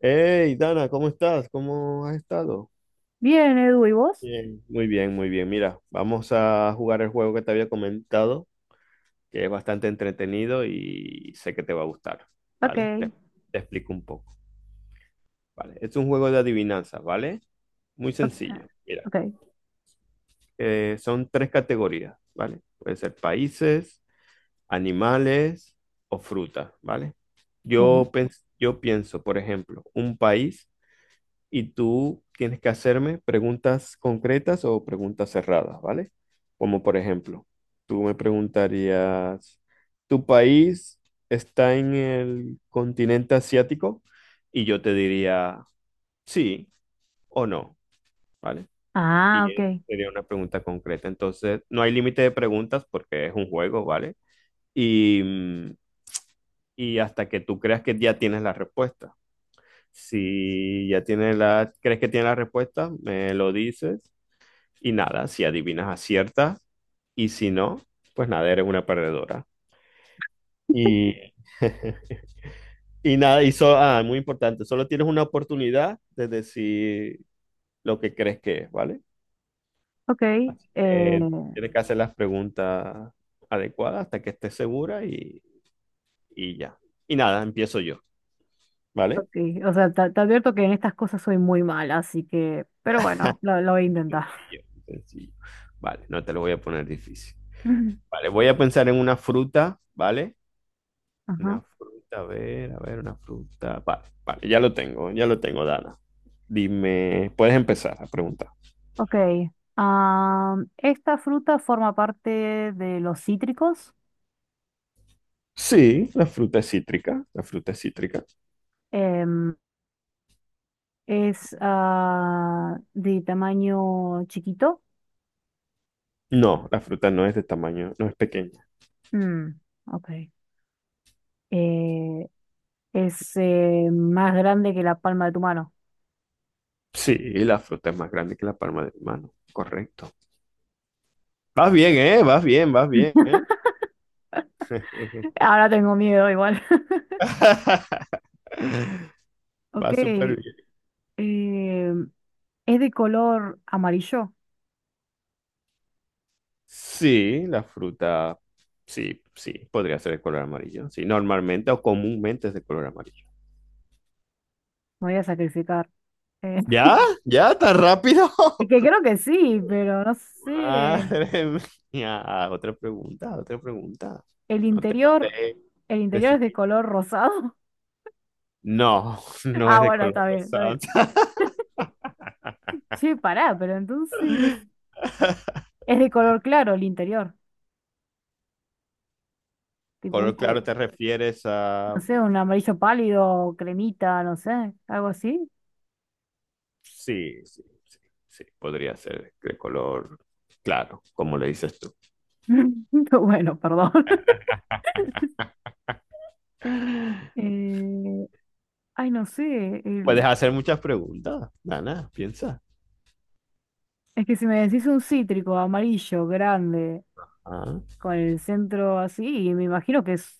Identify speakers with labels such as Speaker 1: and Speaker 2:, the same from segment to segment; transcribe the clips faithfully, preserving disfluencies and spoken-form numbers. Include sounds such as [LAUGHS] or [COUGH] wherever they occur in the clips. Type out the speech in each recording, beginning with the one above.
Speaker 1: Hey, Dana, ¿cómo estás? ¿Cómo has estado?
Speaker 2: Bien, Edu, ¿y vos?
Speaker 1: Bien, muy bien, muy bien. Mira, vamos a jugar el juego que te había comentado, que es bastante entretenido y sé que te va a gustar, ¿vale? Te,
Speaker 2: Ok,
Speaker 1: te explico un poco, ¿vale? Es un juego de adivinanzas, ¿vale? Muy
Speaker 2: ok,
Speaker 1: sencillo. Mira,
Speaker 2: ok,
Speaker 1: eh, son tres categorías, ¿vale? Puede ser países, animales o frutas, ¿vale?
Speaker 2: bueno.
Speaker 1: Yo, pens- yo pienso, por ejemplo, un país y tú tienes que hacerme preguntas concretas o preguntas cerradas, ¿vale? Como por ejemplo, tú me preguntarías, ¿tu país está en el continente asiático? Y yo te diría, sí o no, ¿vale?
Speaker 2: Ah,
Speaker 1: Y eh,
Speaker 2: ok,
Speaker 1: sería una pregunta concreta. Entonces, no hay límite de preguntas porque es un juego, ¿vale? Y, mm, y hasta que tú creas que ya tienes la respuesta. Si ya tienes la, crees que tienes la respuesta, me lo dices. Y nada, si adivinas, aciertas. Y si no, pues nada, eres una perdedora. Y [LAUGHS] y nada, y so- ah, muy importante, solo tienes una oportunidad de decir lo que crees que es, ¿vale?
Speaker 2: ok,
Speaker 1: Así que
Speaker 2: eh,
Speaker 1: tienes que hacer las preguntas adecuadas hasta que estés segura y, y ya. Y nada, empiezo yo, ¿vale?
Speaker 2: ok. O sea, te, te advierto que en estas cosas soy muy mala, así que, pero bueno, lo, lo voy a
Speaker 1: Muy
Speaker 2: intentar.
Speaker 1: sencillo, muy sencillo. Vale, no te lo voy a poner difícil.
Speaker 2: [LAUGHS]
Speaker 1: Vale, voy a pensar en una fruta, ¿vale?
Speaker 2: Ajá,
Speaker 1: Una fruta, a ver, a ver, una fruta. Vale, vale, ya lo tengo, ya lo tengo, Dana. Dime, puedes empezar a preguntar.
Speaker 2: ok. Am, esta fruta forma parte de los cítricos.
Speaker 1: Sí, la fruta es cítrica, la fruta es cítrica.
Speaker 2: em, es ah, de tamaño chiquito.
Speaker 1: No, la fruta no es de tamaño, no es pequeña.
Speaker 2: Mm, ok. Eh, es eh, más grande que la palma de tu mano.
Speaker 1: Sí, la fruta es más grande que la palma de mi mano, correcto. Vas bien, ¿eh? Vas bien, vas bien, ¿eh?
Speaker 2: Ahora tengo miedo igual. [LAUGHS]
Speaker 1: [LAUGHS]
Speaker 2: Ok,
Speaker 1: Va súper
Speaker 2: eh,
Speaker 1: bien.
Speaker 2: es de color amarillo.
Speaker 1: Sí, la fruta, sí, sí, podría ser de color amarillo. Sí, normalmente o comúnmente es de color amarillo.
Speaker 2: Me voy a sacrificar. Eh, [LAUGHS]
Speaker 1: ¿Ya? ¿Ya? ¿Tan rápido?
Speaker 2: que
Speaker 1: [LAUGHS]
Speaker 2: creo que sí, pero no sé.
Speaker 1: Madre mía. Otra pregunta, otra pregunta.
Speaker 2: El
Speaker 1: No te, no
Speaker 2: interior,
Speaker 1: te
Speaker 2: el interior es de
Speaker 1: precipites.
Speaker 2: color rosado. [LAUGHS]
Speaker 1: No, [LAUGHS] no es
Speaker 2: Ah,
Speaker 1: de
Speaker 2: bueno,
Speaker 1: color
Speaker 2: está bien, está
Speaker 1: rosado.
Speaker 2: bien. Che, pará, pero entonces
Speaker 1: [LAUGHS]
Speaker 2: es de color claro el interior. Tipo un
Speaker 1: Color
Speaker 2: col,
Speaker 1: claro te refieres
Speaker 2: no
Speaker 1: a...
Speaker 2: sé, un amarillo pálido, cremita, no sé, algo así.
Speaker 1: Sí, sí, sí, sí, podría ser de color claro, como le dices tú.
Speaker 2: [LAUGHS] Bueno, perdón. [LAUGHS]
Speaker 1: [LAUGHS]
Speaker 2: Eh, Ay, no sé.
Speaker 1: Puedes hacer muchas preguntas, Dana, piensa.
Speaker 2: Es que si me decís un cítrico amarillo grande
Speaker 1: Ah,
Speaker 2: con el centro así, me imagino que es.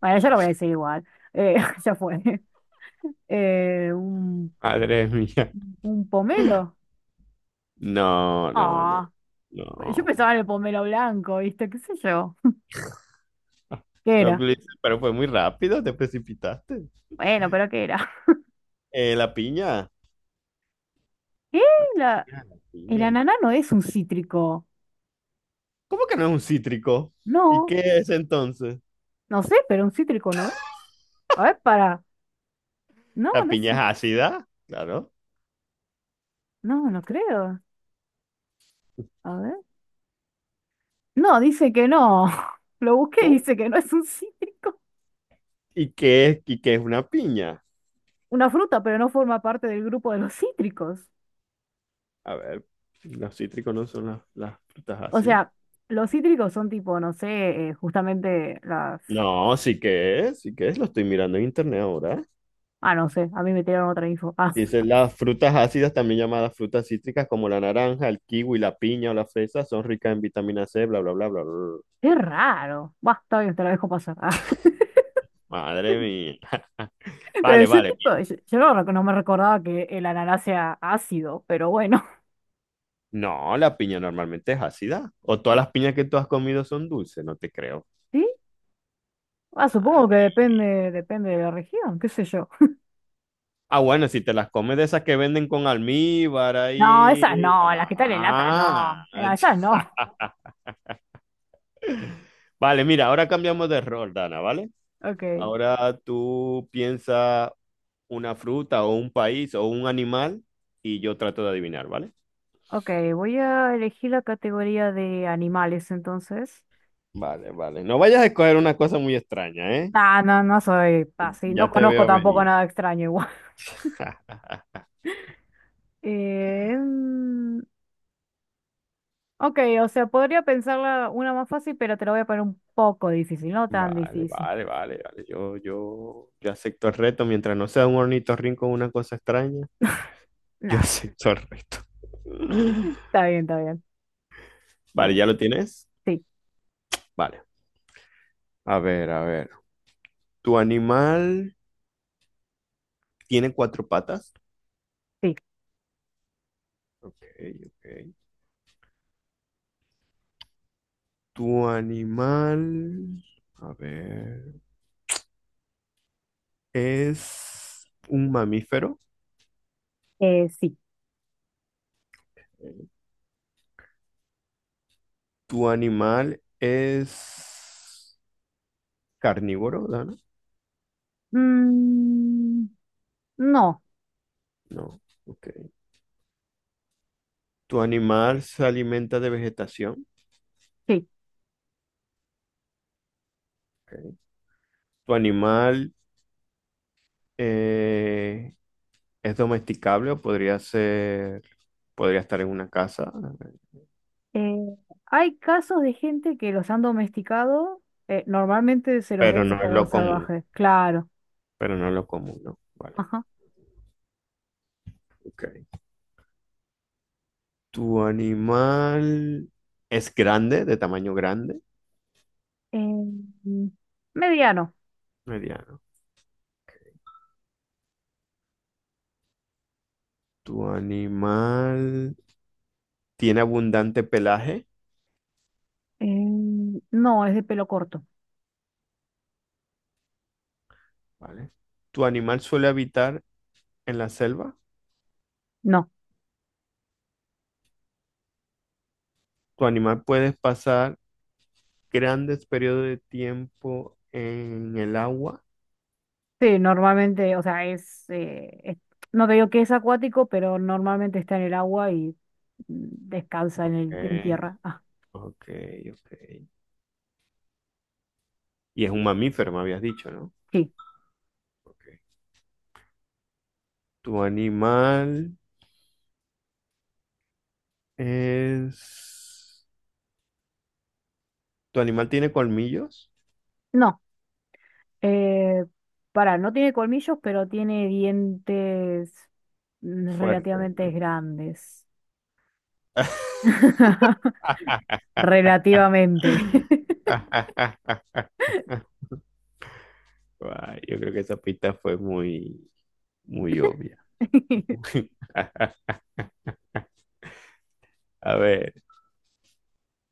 Speaker 2: Bueno, yo lo voy a decir igual. Eh, [LAUGHS] ya fue. Eh, un,
Speaker 1: madre mía.
Speaker 2: un pomelo.
Speaker 1: No, no, no,
Speaker 2: Ah, yo
Speaker 1: no.
Speaker 2: pensaba en el pomelo blanco, ¿viste? ¿Qué sé yo? [LAUGHS] ¿Qué
Speaker 1: Pero
Speaker 2: era?
Speaker 1: le dice, "Pero fue muy rápido, te precipitaste."
Speaker 2: Bueno, pero ¿qué era?
Speaker 1: Eh, la piña.
Speaker 2: [LAUGHS] ¿Qué?
Speaker 1: La
Speaker 2: La-
Speaker 1: piña, la
Speaker 2: El
Speaker 1: piña.
Speaker 2: ananá no es un cítrico.
Speaker 1: ¿Cómo que no es un cítrico? ¿Y
Speaker 2: No,
Speaker 1: qué es entonces?
Speaker 2: no sé, pero un cítrico no es. A ver, para. No,
Speaker 1: La
Speaker 2: no es.
Speaker 1: piña es
Speaker 2: un-
Speaker 1: ácida, claro.
Speaker 2: No, no creo. A ver. No, dice que no. [LAUGHS] Lo busqué y
Speaker 1: ¿Cómo?
Speaker 2: dice que no es un cítrico.
Speaker 1: ¿Y qué es, y qué es una piña?
Speaker 2: Una fruta, pero no forma parte del grupo de los cítricos.
Speaker 1: A ver, los cítricos no son las, las frutas
Speaker 2: O
Speaker 1: ácidas.
Speaker 2: sea, los cítricos son tipo, no sé, eh, justamente las...
Speaker 1: No, sí que es, sí que es, lo estoy mirando en internet ahora.
Speaker 2: Ah, no sé, a mí me tiraron otra info. Ah,
Speaker 1: Dice, las frutas ácidas, también llamadas frutas cítricas, como la naranja, el kiwi, la piña o la fresa, son ricas en vitamina C, bla, bla, bla, bla, bla, bla.
Speaker 2: [LAUGHS] qué raro. Bah, está bien, te la dejo pasar. [LAUGHS]
Speaker 1: Madre mía.
Speaker 2: Ah, pero
Speaker 1: Vale,
Speaker 2: yo
Speaker 1: vale,
Speaker 2: tipo,
Speaker 1: bien.
Speaker 2: yo, yo no, rec- no me recordaba que el ananá sea ácido, pero bueno.
Speaker 1: No, la piña normalmente es ácida. O todas las piñas que tú has comido son dulces, no te creo.
Speaker 2: [LAUGHS] ¿Sí? Ah, supongo que
Speaker 1: Madre.
Speaker 2: depende, depende de la región, qué sé yo.
Speaker 1: Ah, bueno, si te las comes de esas que venden con almíbar
Speaker 2: No,
Speaker 1: ahí.
Speaker 2: esas no, las que están en lata
Speaker 1: Ah.
Speaker 2: no. Eh, Esas no.
Speaker 1: [LAUGHS] Vale, mira, ahora cambiamos de rol, Dana, ¿vale?
Speaker 2: Ok.
Speaker 1: Ahora tú piensas una fruta o un país o un animal y yo trato de adivinar, ¿vale?
Speaker 2: Ok, voy a elegir la categoría de animales entonces.
Speaker 1: Vale, vale. No vayas a escoger una cosa muy extraña, ¿eh?
Speaker 2: Ah, no, no soy así, no
Speaker 1: Ya te
Speaker 2: conozco
Speaker 1: veo
Speaker 2: tampoco
Speaker 1: venir.
Speaker 2: nada extraño igual. [LAUGHS]
Speaker 1: [LAUGHS]
Speaker 2: Eh, mm, ok, o sea, podría pensarla una más fácil, pero te la voy a poner un poco difícil, no tan
Speaker 1: Vale,
Speaker 2: difícil.
Speaker 1: vale, vale, vale. Yo, yo, yo acepto el reto. Mientras no sea un ornitorrinco o una cosa extraña, yo [LAUGHS]
Speaker 2: Nah,
Speaker 1: acepto el reto. [LAUGHS]
Speaker 2: está bien, está bien.
Speaker 1: Vale,
Speaker 2: Bueno,
Speaker 1: ¿ya lo tienes?
Speaker 2: sí,
Speaker 1: Vale. A ver, a ver. ¿Tu animal tiene cuatro patas?
Speaker 2: sí,
Speaker 1: Ok, ok. ¿Tu animal, a ver, es un mamífero?
Speaker 2: eh, sí.
Speaker 1: ¿Tu animal es carnívoro, Dana?
Speaker 2: Mm, no,
Speaker 1: No. Ok. ¿Tu animal se alimenta de vegetación?
Speaker 2: sí.
Speaker 1: Ok. ¿Tu animal eh, es domesticable o podría ser, podría estar en una casa?
Speaker 2: Eh, Hay casos de gente que los han domesticado, eh, normalmente se los ven
Speaker 1: Pero
Speaker 2: en
Speaker 1: no es
Speaker 2: estado
Speaker 1: lo común,
Speaker 2: salvaje, claro.
Speaker 1: pero no es lo común, ¿no? Vale,
Speaker 2: Ajá.
Speaker 1: ok. ¿Tu animal es grande, de tamaño grande?
Speaker 2: Em, Mediano.
Speaker 1: Mediano. ¿Tu animal tiene abundante pelaje?
Speaker 2: Em, no, es de pelo corto.
Speaker 1: Vale. ¿Tu animal suele habitar en la selva?
Speaker 2: No.
Speaker 1: ¿Tu animal puede pasar grandes periodos de tiempo en el agua?
Speaker 2: Sí, normalmente, o sea, es, eh, es- no te digo que es acuático, pero normalmente está en el agua y mm, descansa en el, en
Speaker 1: Ok,
Speaker 2: tierra. Ah,
Speaker 1: ok, ok. Y es un mamífero, me habías dicho, ¿no?
Speaker 2: sí.
Speaker 1: Ok. ¿Tu animal es... ¿Tu animal tiene colmillos?
Speaker 2: No. Eh, Pará, no tiene colmillos, pero tiene dientes mm,
Speaker 1: Fuertes,
Speaker 2: relativamente
Speaker 1: ¿no?
Speaker 2: grandes.
Speaker 1: [LAUGHS]
Speaker 2: [LAUGHS] Relativamente.
Speaker 1: Guay, yo creo que esa pista fue muy, muy obvia.
Speaker 2: [LAUGHS]
Speaker 1: [LAUGHS] A ver,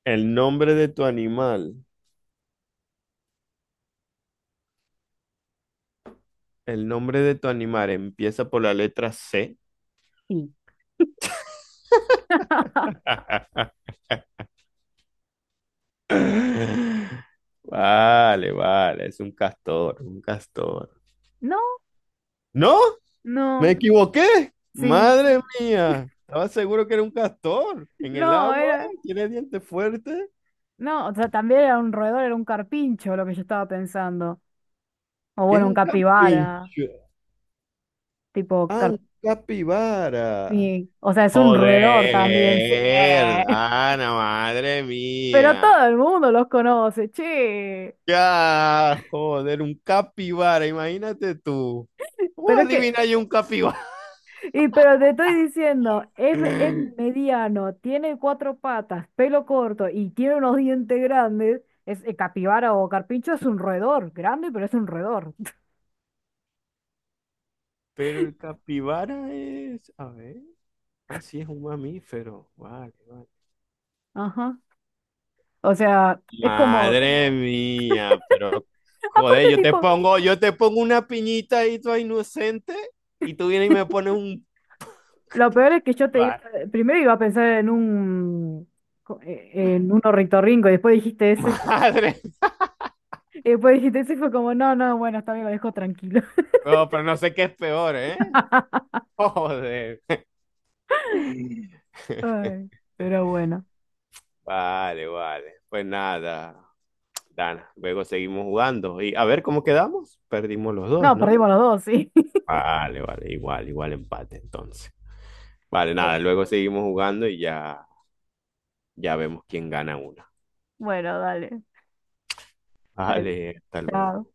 Speaker 1: el nombre de tu animal, el nombre de tu animal empieza por la letra C.
Speaker 2: Sí. [LAUGHS]
Speaker 1: [LAUGHS] Vale, vale, es un castor, un castor.
Speaker 2: No,
Speaker 1: No, me
Speaker 2: no,
Speaker 1: equivoqué.
Speaker 2: sí.
Speaker 1: Madre mía, estaba seguro que era un castor. En el
Speaker 2: No,
Speaker 1: agua,
Speaker 2: era,
Speaker 1: tiene dientes fuertes.
Speaker 2: no, o sea, también era un roedor, era un carpincho lo que yo estaba pensando. O
Speaker 1: ¿Qué es
Speaker 2: bueno, un
Speaker 1: un
Speaker 2: capibara,
Speaker 1: carpincho?
Speaker 2: tipo
Speaker 1: Ah, un capibara.
Speaker 2: carpín. O sea, es un roedor también, sí.
Speaker 1: Joder,
Speaker 2: [LAUGHS]
Speaker 1: Ana, madre
Speaker 2: Pero
Speaker 1: mía.
Speaker 2: todo el mundo los conoce, che.
Speaker 1: Ya, joder, un capibara, imagínate tú. ¿Cómo
Speaker 2: Pero es que,
Speaker 1: adivina yo un capibara?
Speaker 2: y pero te estoy diciendo, es, me- es
Speaker 1: [LAUGHS]
Speaker 2: mediano, tiene cuatro patas, pelo corto y tiene unos dientes grandes. Es eh, capibara o carpincho, es un roedor, grande, pero es un roedor.
Speaker 1: Pero el capibara es, a ver, ah, sí, es un mamífero. Vale, vale.
Speaker 2: [LAUGHS] Ajá. O sea, es como,
Speaker 1: Madre mía, pero joder,
Speaker 2: aparte
Speaker 1: yo te
Speaker 2: tipo.
Speaker 1: pongo, yo te pongo una piñita ahí toda inocente y tú vienes y me pones un
Speaker 2: Lo peor es que yo te iba,
Speaker 1: pibar.
Speaker 2: primero iba a pensar en un co- eh, en un ornitorrinco y después dijiste eso y, fue co-
Speaker 1: [LAUGHS] Madre,
Speaker 2: y después dijiste eso y fue como, no, no, bueno, está bien, lo dejo tranquilo.
Speaker 1: no, pero no sé qué es peor, ¿eh?
Speaker 2: [LAUGHS]
Speaker 1: [LAUGHS] Joder.
Speaker 2: Ay, pero bueno.
Speaker 1: Vale, vale. Pues nada, Dana, luego seguimos jugando y a ver cómo quedamos. Perdimos los dos,
Speaker 2: No, perdimos
Speaker 1: ¿no?
Speaker 2: los dos, sí. [LAUGHS]
Speaker 1: Vale, vale, igual, igual empate entonces. Vale, nada,
Speaker 2: Bueno,
Speaker 1: luego seguimos jugando y ya, ya vemos quién gana una.
Speaker 2: bueno, dale, dale.
Speaker 1: Vale, hasta luego.
Speaker 2: Chao.